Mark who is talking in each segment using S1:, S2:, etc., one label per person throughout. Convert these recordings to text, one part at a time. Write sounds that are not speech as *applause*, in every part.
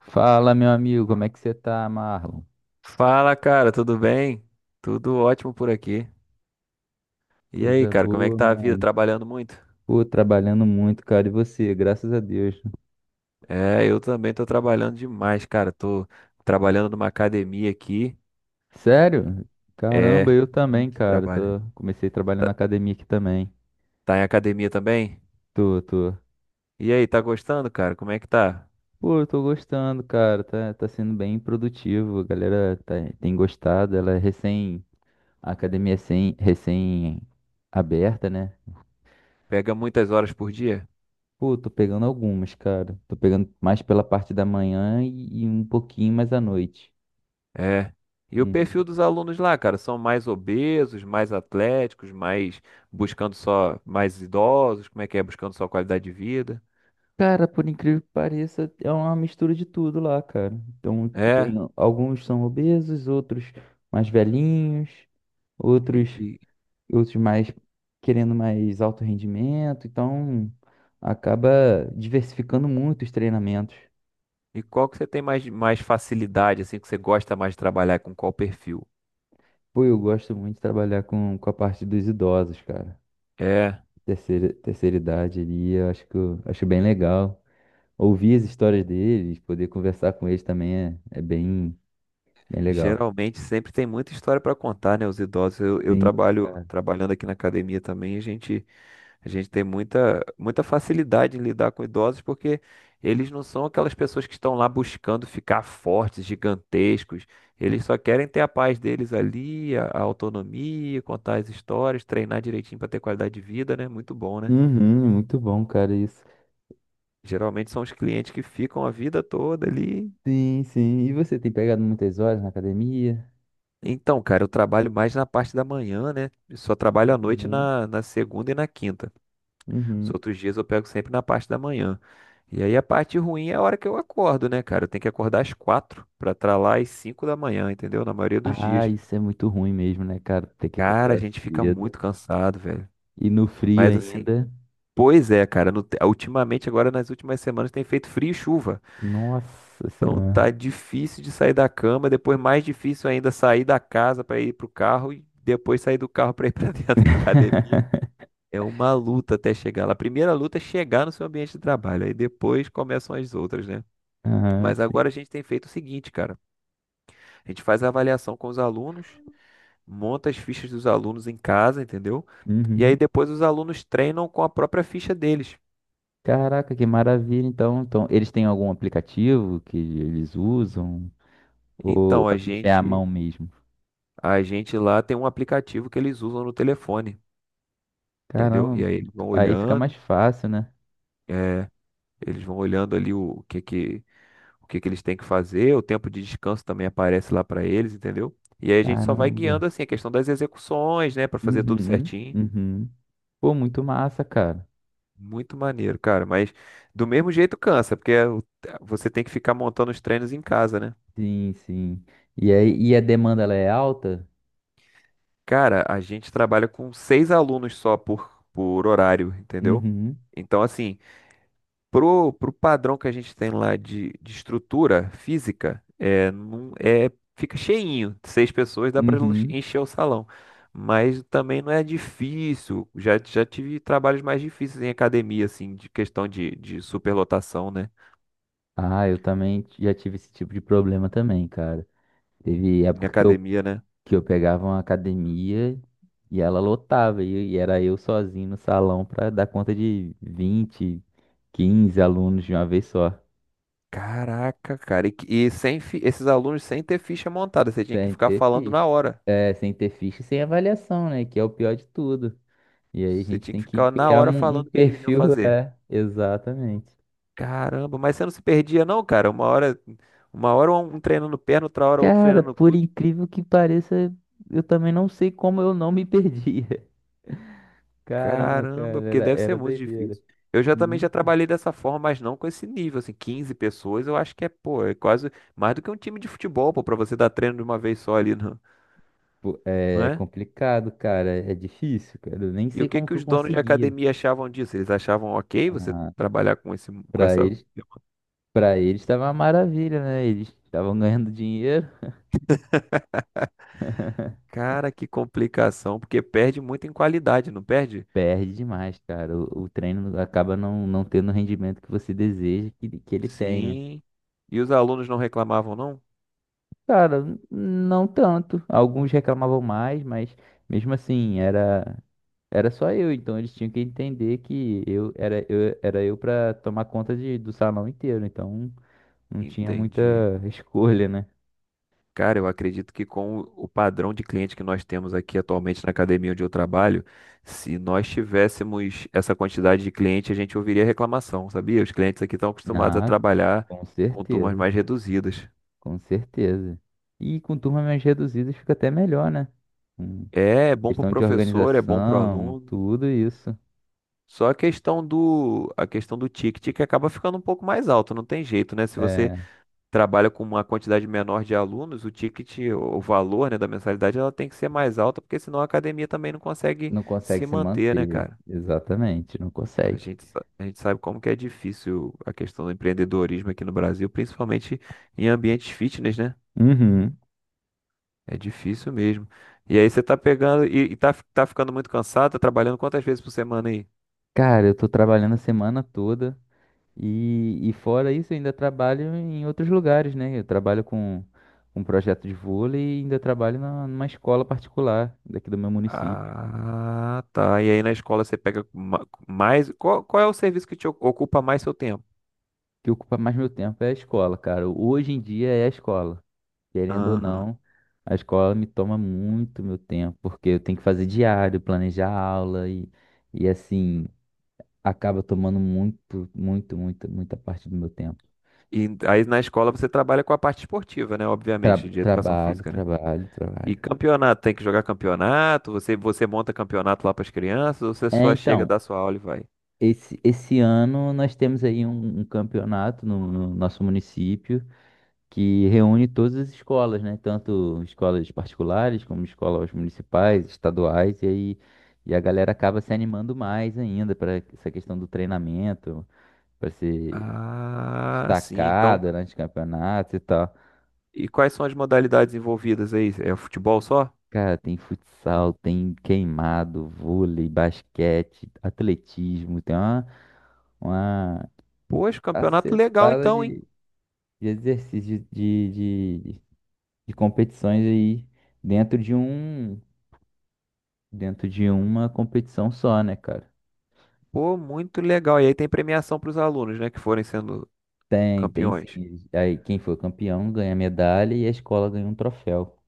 S1: Fala, meu amigo, como é que você tá, Marlon?
S2: Fala, cara, tudo bem? Tudo ótimo por aqui. E aí,
S1: Coisa
S2: cara, como é que
S1: boa,
S2: tá a vida?
S1: mano.
S2: Trabalhando muito?
S1: Pô, trabalhando muito, cara, e você? Graças a Deus.
S2: É, eu também tô trabalhando demais, cara. Tô trabalhando numa academia aqui.
S1: Sério? Caramba,
S2: É,
S1: eu também,
S2: muito
S1: cara. Tô.
S2: trabalho.
S1: Comecei a trabalhar na
S2: Tá,
S1: academia aqui também.
S2: tá em academia também?
S1: Tô, tô.
S2: E aí, tá gostando, cara? Como é que tá?
S1: Pô, eu tô gostando, cara. Tá sendo bem produtivo. A galera tem gostado. Ela é recém. A academia é recém aberta, né?
S2: Pega muitas horas por dia?
S1: Pô, tô pegando algumas, cara. Tô pegando mais pela parte da manhã e um pouquinho mais à noite.
S2: É. E o perfil
S1: Uhum.
S2: dos alunos lá, cara, são mais obesos, mais atléticos, mais buscando só mais idosos, como é que é? Buscando só qualidade de vida.
S1: Cara, por incrível que pareça, é uma mistura de tudo lá, cara. Então, tem
S2: É.
S1: alguns são obesos, outros mais velhinhos,
S2: E,
S1: outros
S2: e-
S1: outros mais querendo mais alto rendimento. Então, acaba diversificando muito os treinamentos.
S2: E qual que você tem mais, facilidade, assim, que você gosta mais de trabalhar com qual perfil?
S1: Pô, eu gosto muito de trabalhar com a parte dos idosos, cara.
S2: É,
S1: Terceira idade ali, eu acho que eu acho bem legal. Ouvir as histórias deles, poder conversar com eles também é bem, bem legal.
S2: geralmente sempre tem muita história para contar, né? Os idosos, eu
S1: Sim,
S2: trabalho
S1: cara.
S2: trabalhando aqui na academia também, a gente tem muita, facilidade em lidar com idosos porque eles não são aquelas pessoas que estão lá buscando ficar fortes, gigantescos. Eles só querem ter a paz deles ali, a autonomia, contar as histórias, treinar direitinho para ter qualidade de vida, né? Muito bom, né?
S1: Uhum, muito bom, cara, isso.
S2: Geralmente são os clientes que ficam a vida toda ali.
S1: Sim, sim. E você tem pegado muitas horas na academia?
S2: Então, cara, eu trabalho mais na parte da manhã, né? Eu só trabalho à noite
S1: Uhum,
S2: na segunda e na quinta. Os
S1: uhum.
S2: outros dias eu pego sempre na parte da manhã. E aí a parte ruim é a hora que eu acordo, né, cara? Eu tenho que acordar às quatro pra estar lá às cinco da manhã, entendeu? Na maioria dos
S1: Ah,
S2: dias.
S1: isso é muito ruim mesmo, né, cara? Ter que
S2: Cara, a
S1: acordar
S2: gente fica
S1: cedo.
S2: muito cansado, velho.
S1: E no frio
S2: Mas assim,
S1: ainda.
S2: pois é, cara. Ultimamente, agora nas últimas semanas tem feito frio e chuva.
S1: Nossa
S2: Então
S1: Senhora.
S2: tá difícil de sair da cama, depois mais difícil ainda sair da casa para ir pro carro e depois sair do carro para ir *laughs* para dentro da academia.
S1: *laughs*
S2: É uma luta até chegar lá. A primeira luta é chegar no seu ambiente de trabalho, aí depois começam as outras, né?
S1: Aham,
S2: Mas
S1: sim.
S2: agora a gente tem feito o seguinte, cara. A gente faz a avaliação com os alunos, monta as fichas dos alunos em casa, entendeu? E aí
S1: Uhum.
S2: depois os alunos treinam com a própria ficha deles.
S1: Caraca, que maravilha. Então, eles têm algum aplicativo que eles usam? Ou
S2: Então a
S1: a ficha é à
S2: gente,
S1: mão mesmo?
S2: a gente lá tem um aplicativo que eles usam no telefone, entendeu?
S1: Caramba,
S2: E aí eles
S1: muito-
S2: vão
S1: aí fica mais
S2: olhando.
S1: fácil, né?
S2: É, eles vão olhando ali o que que eles têm que fazer, o tempo de descanso também aparece lá para eles, entendeu? E aí a gente só vai
S1: Caramba.
S2: guiando assim a questão das execuções, né, para fazer tudo
S1: Uhum,
S2: certinho.
S1: uhum. Pô, muito massa, cara.
S2: Muito maneiro, cara, mas do mesmo jeito cansa, você tem que ficar montando os treinos em casa, né?
S1: Sim, sim. E aí, e a demanda ela é alta?
S2: Cara, a gente trabalha com seis alunos só por horário, entendeu?
S1: Uhum,
S2: Então, assim, pro padrão que a gente tem lá de estrutura física, é, não, é, fica cheinho. Seis pessoas dá para
S1: uhum.
S2: encher o salão. Mas também não é difícil. Já tive trabalhos mais difíceis em academia, assim, de questão de superlotação, né?
S1: Ah, eu também já tive esse tipo de problema também, cara. Teve
S2: Em
S1: época que eu,
S2: academia, né?
S1: que eu pegava uma academia e ela lotava, e era eu sozinho no salão pra dar conta de 20 15 alunos de uma vez só.
S2: Caraca, cara. E, que- e sem, fi- Esses alunos sem ter ficha montada. Você tinha que
S1: Sem
S2: ficar
S1: ter
S2: falando na
S1: ficha.
S2: hora.
S1: É, sem ter ficha e sem avaliação, né? Que é o pior de tudo. E aí a
S2: Você
S1: gente
S2: tinha
S1: tem
S2: que
S1: que
S2: ficar na
S1: criar
S2: hora
S1: um, um
S2: falando o que que eles iam
S1: perfil,
S2: fazer.
S1: é, exatamente.
S2: Caramba, mas você não se perdia não, cara? Uma hora um treinando perna, outra hora outro
S1: Cara,
S2: treinando
S1: por
S2: glúteo.
S1: incrível que pareça, eu também não sei como eu não me perdia. *laughs* Caramba,
S2: Caramba,
S1: cara,
S2: porque
S1: era,
S2: deve ser
S1: era
S2: muito
S1: doideira.
S2: difícil. Eu já também já
S1: Muito.
S2: trabalhei dessa forma, mas não com esse nível, assim, 15 pessoas, eu acho que é, pô, é quase mais do que um time de futebol, pô, pra você dar treino de uma vez só ali, *laughs* não,
S1: Pô,
S2: não
S1: é
S2: é?
S1: complicado, cara, é difícil, cara. Eu nem
S2: E o
S1: sei
S2: que
S1: como
S2: que
S1: que eu
S2: os donos de
S1: conseguia.
S2: academia achavam disso? Eles achavam ok você
S1: Ah,
S2: trabalhar com esse, com
S1: para
S2: essa...
S1: eles, para eles estava uma maravilha, né? Eles estavam ganhando dinheiro.
S2: Cara, que complicação, porque perde muito em qualidade, não perde?
S1: Perde demais, cara. O treino acaba não, não tendo o rendimento que você deseja que ele tenha.
S2: Sim. E os alunos não reclamavam, não?
S1: Cara, não tanto. Alguns reclamavam mais, mas mesmo assim, era só eu, então eles tinham que entender que eu era eu era eu para tomar conta do salão inteiro, então não tinha muita
S2: Entendi.
S1: *laughs* escolha, né?
S2: Cara, eu acredito que com o padrão de cliente que nós temos aqui atualmente na academia onde eu trabalho, se nós tivéssemos essa quantidade de cliente, a gente ouviria reclamação, sabia? Os clientes aqui estão acostumados a
S1: Ah,
S2: trabalhar
S1: com
S2: com turmas
S1: certeza,
S2: mais reduzidas.
S1: com certeza. E com turmas mais reduzidas fica até melhor, né? Com
S2: É, é bom para o
S1: questão de
S2: professor, é bom para o
S1: organização,
S2: aluno.
S1: tudo isso.
S2: Só a questão do ticket que acaba ficando um pouco mais alto, não tem jeito, né? Se você
S1: É,
S2: trabalha com uma quantidade menor de alunos, o ticket, o valor, né, da mensalidade, ela tem que ser mais alta, porque senão a academia também não consegue
S1: não consegue
S2: se
S1: se
S2: manter, né,
S1: manter,
S2: cara?
S1: exatamente, não consegue.
S2: A gente sabe como que é difícil a questão do empreendedorismo aqui no Brasil, principalmente em ambientes fitness, né?
S1: Uhum.
S2: É difícil mesmo. E aí você tá pegando tá ficando muito cansado, tá trabalhando quantas vezes por semana aí?
S1: Cara, eu tô trabalhando a semana toda e fora isso, eu ainda trabalho em outros lugares, né? Eu trabalho com um projeto de vôlei e ainda trabalho numa escola particular daqui do meu município.
S2: Ah, tá. E aí na escola você pega mais. Qual é o serviço que te ocupa mais seu tempo?
S1: O que ocupa mais meu tempo é a escola, cara. Hoje em dia é a escola. Querendo ou
S2: Aham.
S1: não, a escola me toma muito meu tempo, porque eu tenho que fazer diário, planejar aula e assim, acaba tomando muito, muito, muito, muita parte do meu tempo.
S2: E aí na escola você trabalha com a parte esportiva, né? Obviamente, de educação
S1: Trabalho,
S2: física, né?
S1: trabalho,
S2: E
S1: trabalho.
S2: campeonato, tem que jogar campeonato, você monta campeonato lá para as crianças, ou você
S1: É,
S2: só chega,
S1: então.
S2: dá sua aula e vai?
S1: Esse ano nós temos aí um campeonato no nosso município que reúne todas as escolas, né? Tanto escolas particulares como escolas municipais, estaduais, e aí e a galera acaba se animando mais ainda para essa questão do treinamento, para ser
S2: Ah, sim, então.
S1: destacada durante campeonatos e tal.
S2: E quais são as modalidades envolvidas aí? É futebol só?
S1: Cara, tem futsal, tem queimado, vôlei, basquete, atletismo, tem uma
S2: Poxa, campeonato legal
S1: cacetada
S2: então, hein?
S1: de exercícios de, de competições aí dentro de um dentro de uma competição só, né, cara?
S2: Pô, muito legal. E aí tem premiação para os alunos, né, que forem sendo
S1: Tem
S2: campeões.
S1: sim. Aí quem for campeão ganha medalha e a escola ganha um troféu.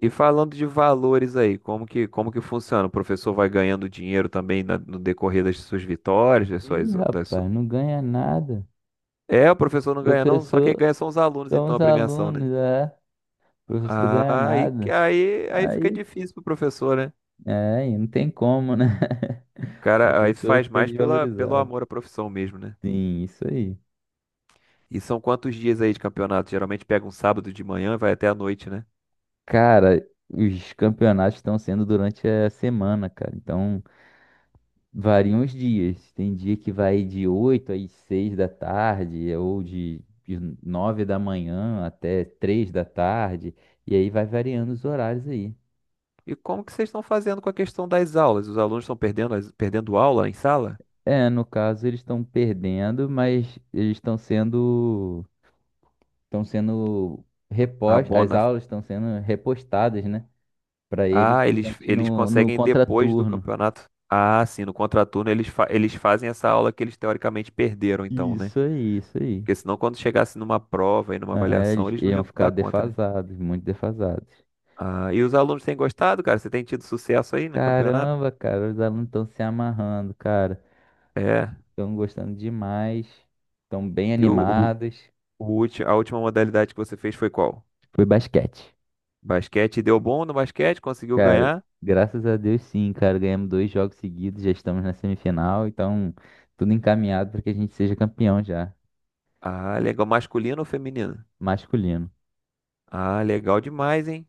S2: E falando de valores aí, como que funciona? O professor vai ganhando dinheiro também no decorrer das suas vitórias,
S1: Ih, rapaz, não ganha nada.
S2: é, o professor não ganha não, só quem
S1: Professor,
S2: ganha são os alunos, então,
S1: somos
S2: a premiação, né?
S1: alunos, é. Professor ganha nada.
S2: Aí fica
S1: Aí,
S2: difícil pro professor, né? O
S1: é, aí, não tem como, né? *laughs* O
S2: cara, aí
S1: professor
S2: faz
S1: fica
S2: mais pela, pelo
S1: desvalorizado.
S2: amor à profissão mesmo, né?
S1: Sim, isso aí.
S2: E são quantos dias aí de campeonato? Geralmente pega um sábado de manhã e vai até a noite, né?
S1: Cara, os campeonatos estão sendo durante a semana, cara. Então, variam os dias. Tem dia que vai de 8 às 6 da tarde, ou de 9 da manhã até 3 da tarde, e aí vai variando os horários aí.
S2: E como que vocês estão fazendo com a questão das aulas? Os alunos estão perdendo, perdendo aula em sala?
S1: É, no caso, eles estão perdendo, mas estão sendo
S2: A
S1: repostas, as
S2: bona.
S1: aulas estão sendo repostadas, né? Para eles
S2: Ah,
S1: durante
S2: eles
S1: no
S2: conseguem depois do
S1: contraturno.
S2: campeonato. Ah, sim, no contraturno eles fazem essa aula que eles teoricamente perderam, então, né?
S1: Isso aí, isso aí.
S2: Porque senão, quando chegasse numa prova e numa
S1: É,
S2: avaliação,
S1: eles
S2: eles não
S1: iam
S2: iam
S1: ficar
S2: dar conta, né?
S1: defasados, muito defasados.
S2: Ah, e os alunos têm gostado, cara? Você tem tido sucesso aí no campeonato?
S1: Caramba, cara, os alunos estão se amarrando, cara.
S2: É.
S1: Estão gostando demais. Estão bem
S2: E o, o,
S1: animados.
S2: o a última modalidade que você fez foi qual?
S1: Foi basquete.
S2: Basquete deu bom no basquete, conseguiu
S1: Cara,
S2: ganhar.
S1: graças a Deus sim, cara. Ganhamos dois jogos seguidos, já estamos na semifinal, então tudo encaminhado para que a gente seja campeão já.
S2: Ah, legal. Masculino ou feminino?
S1: Masculino.
S2: Ah, legal demais, hein?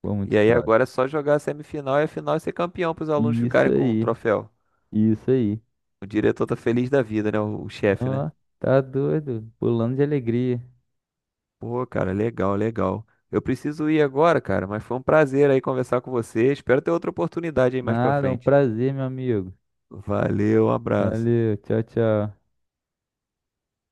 S1: Foi
S2: E
S1: muito
S2: aí
S1: top.
S2: agora é só jogar a semifinal e a final e ser campeão para os alunos
S1: Isso
S2: ficarem com o
S1: aí,
S2: troféu.
S1: isso aí.
S2: O diretor tá feliz da vida, né? O chefe, né?
S1: Ó, tá doido. Pulando de alegria.
S2: Pô, cara, legal, legal. Eu preciso ir agora, cara, mas foi um prazer aí conversar com você. Espero ter outra oportunidade aí mais pra
S1: Nada, é um
S2: frente.
S1: prazer, meu amigo.
S2: Valeu, um abraço.
S1: Valeu, tchau, tchau.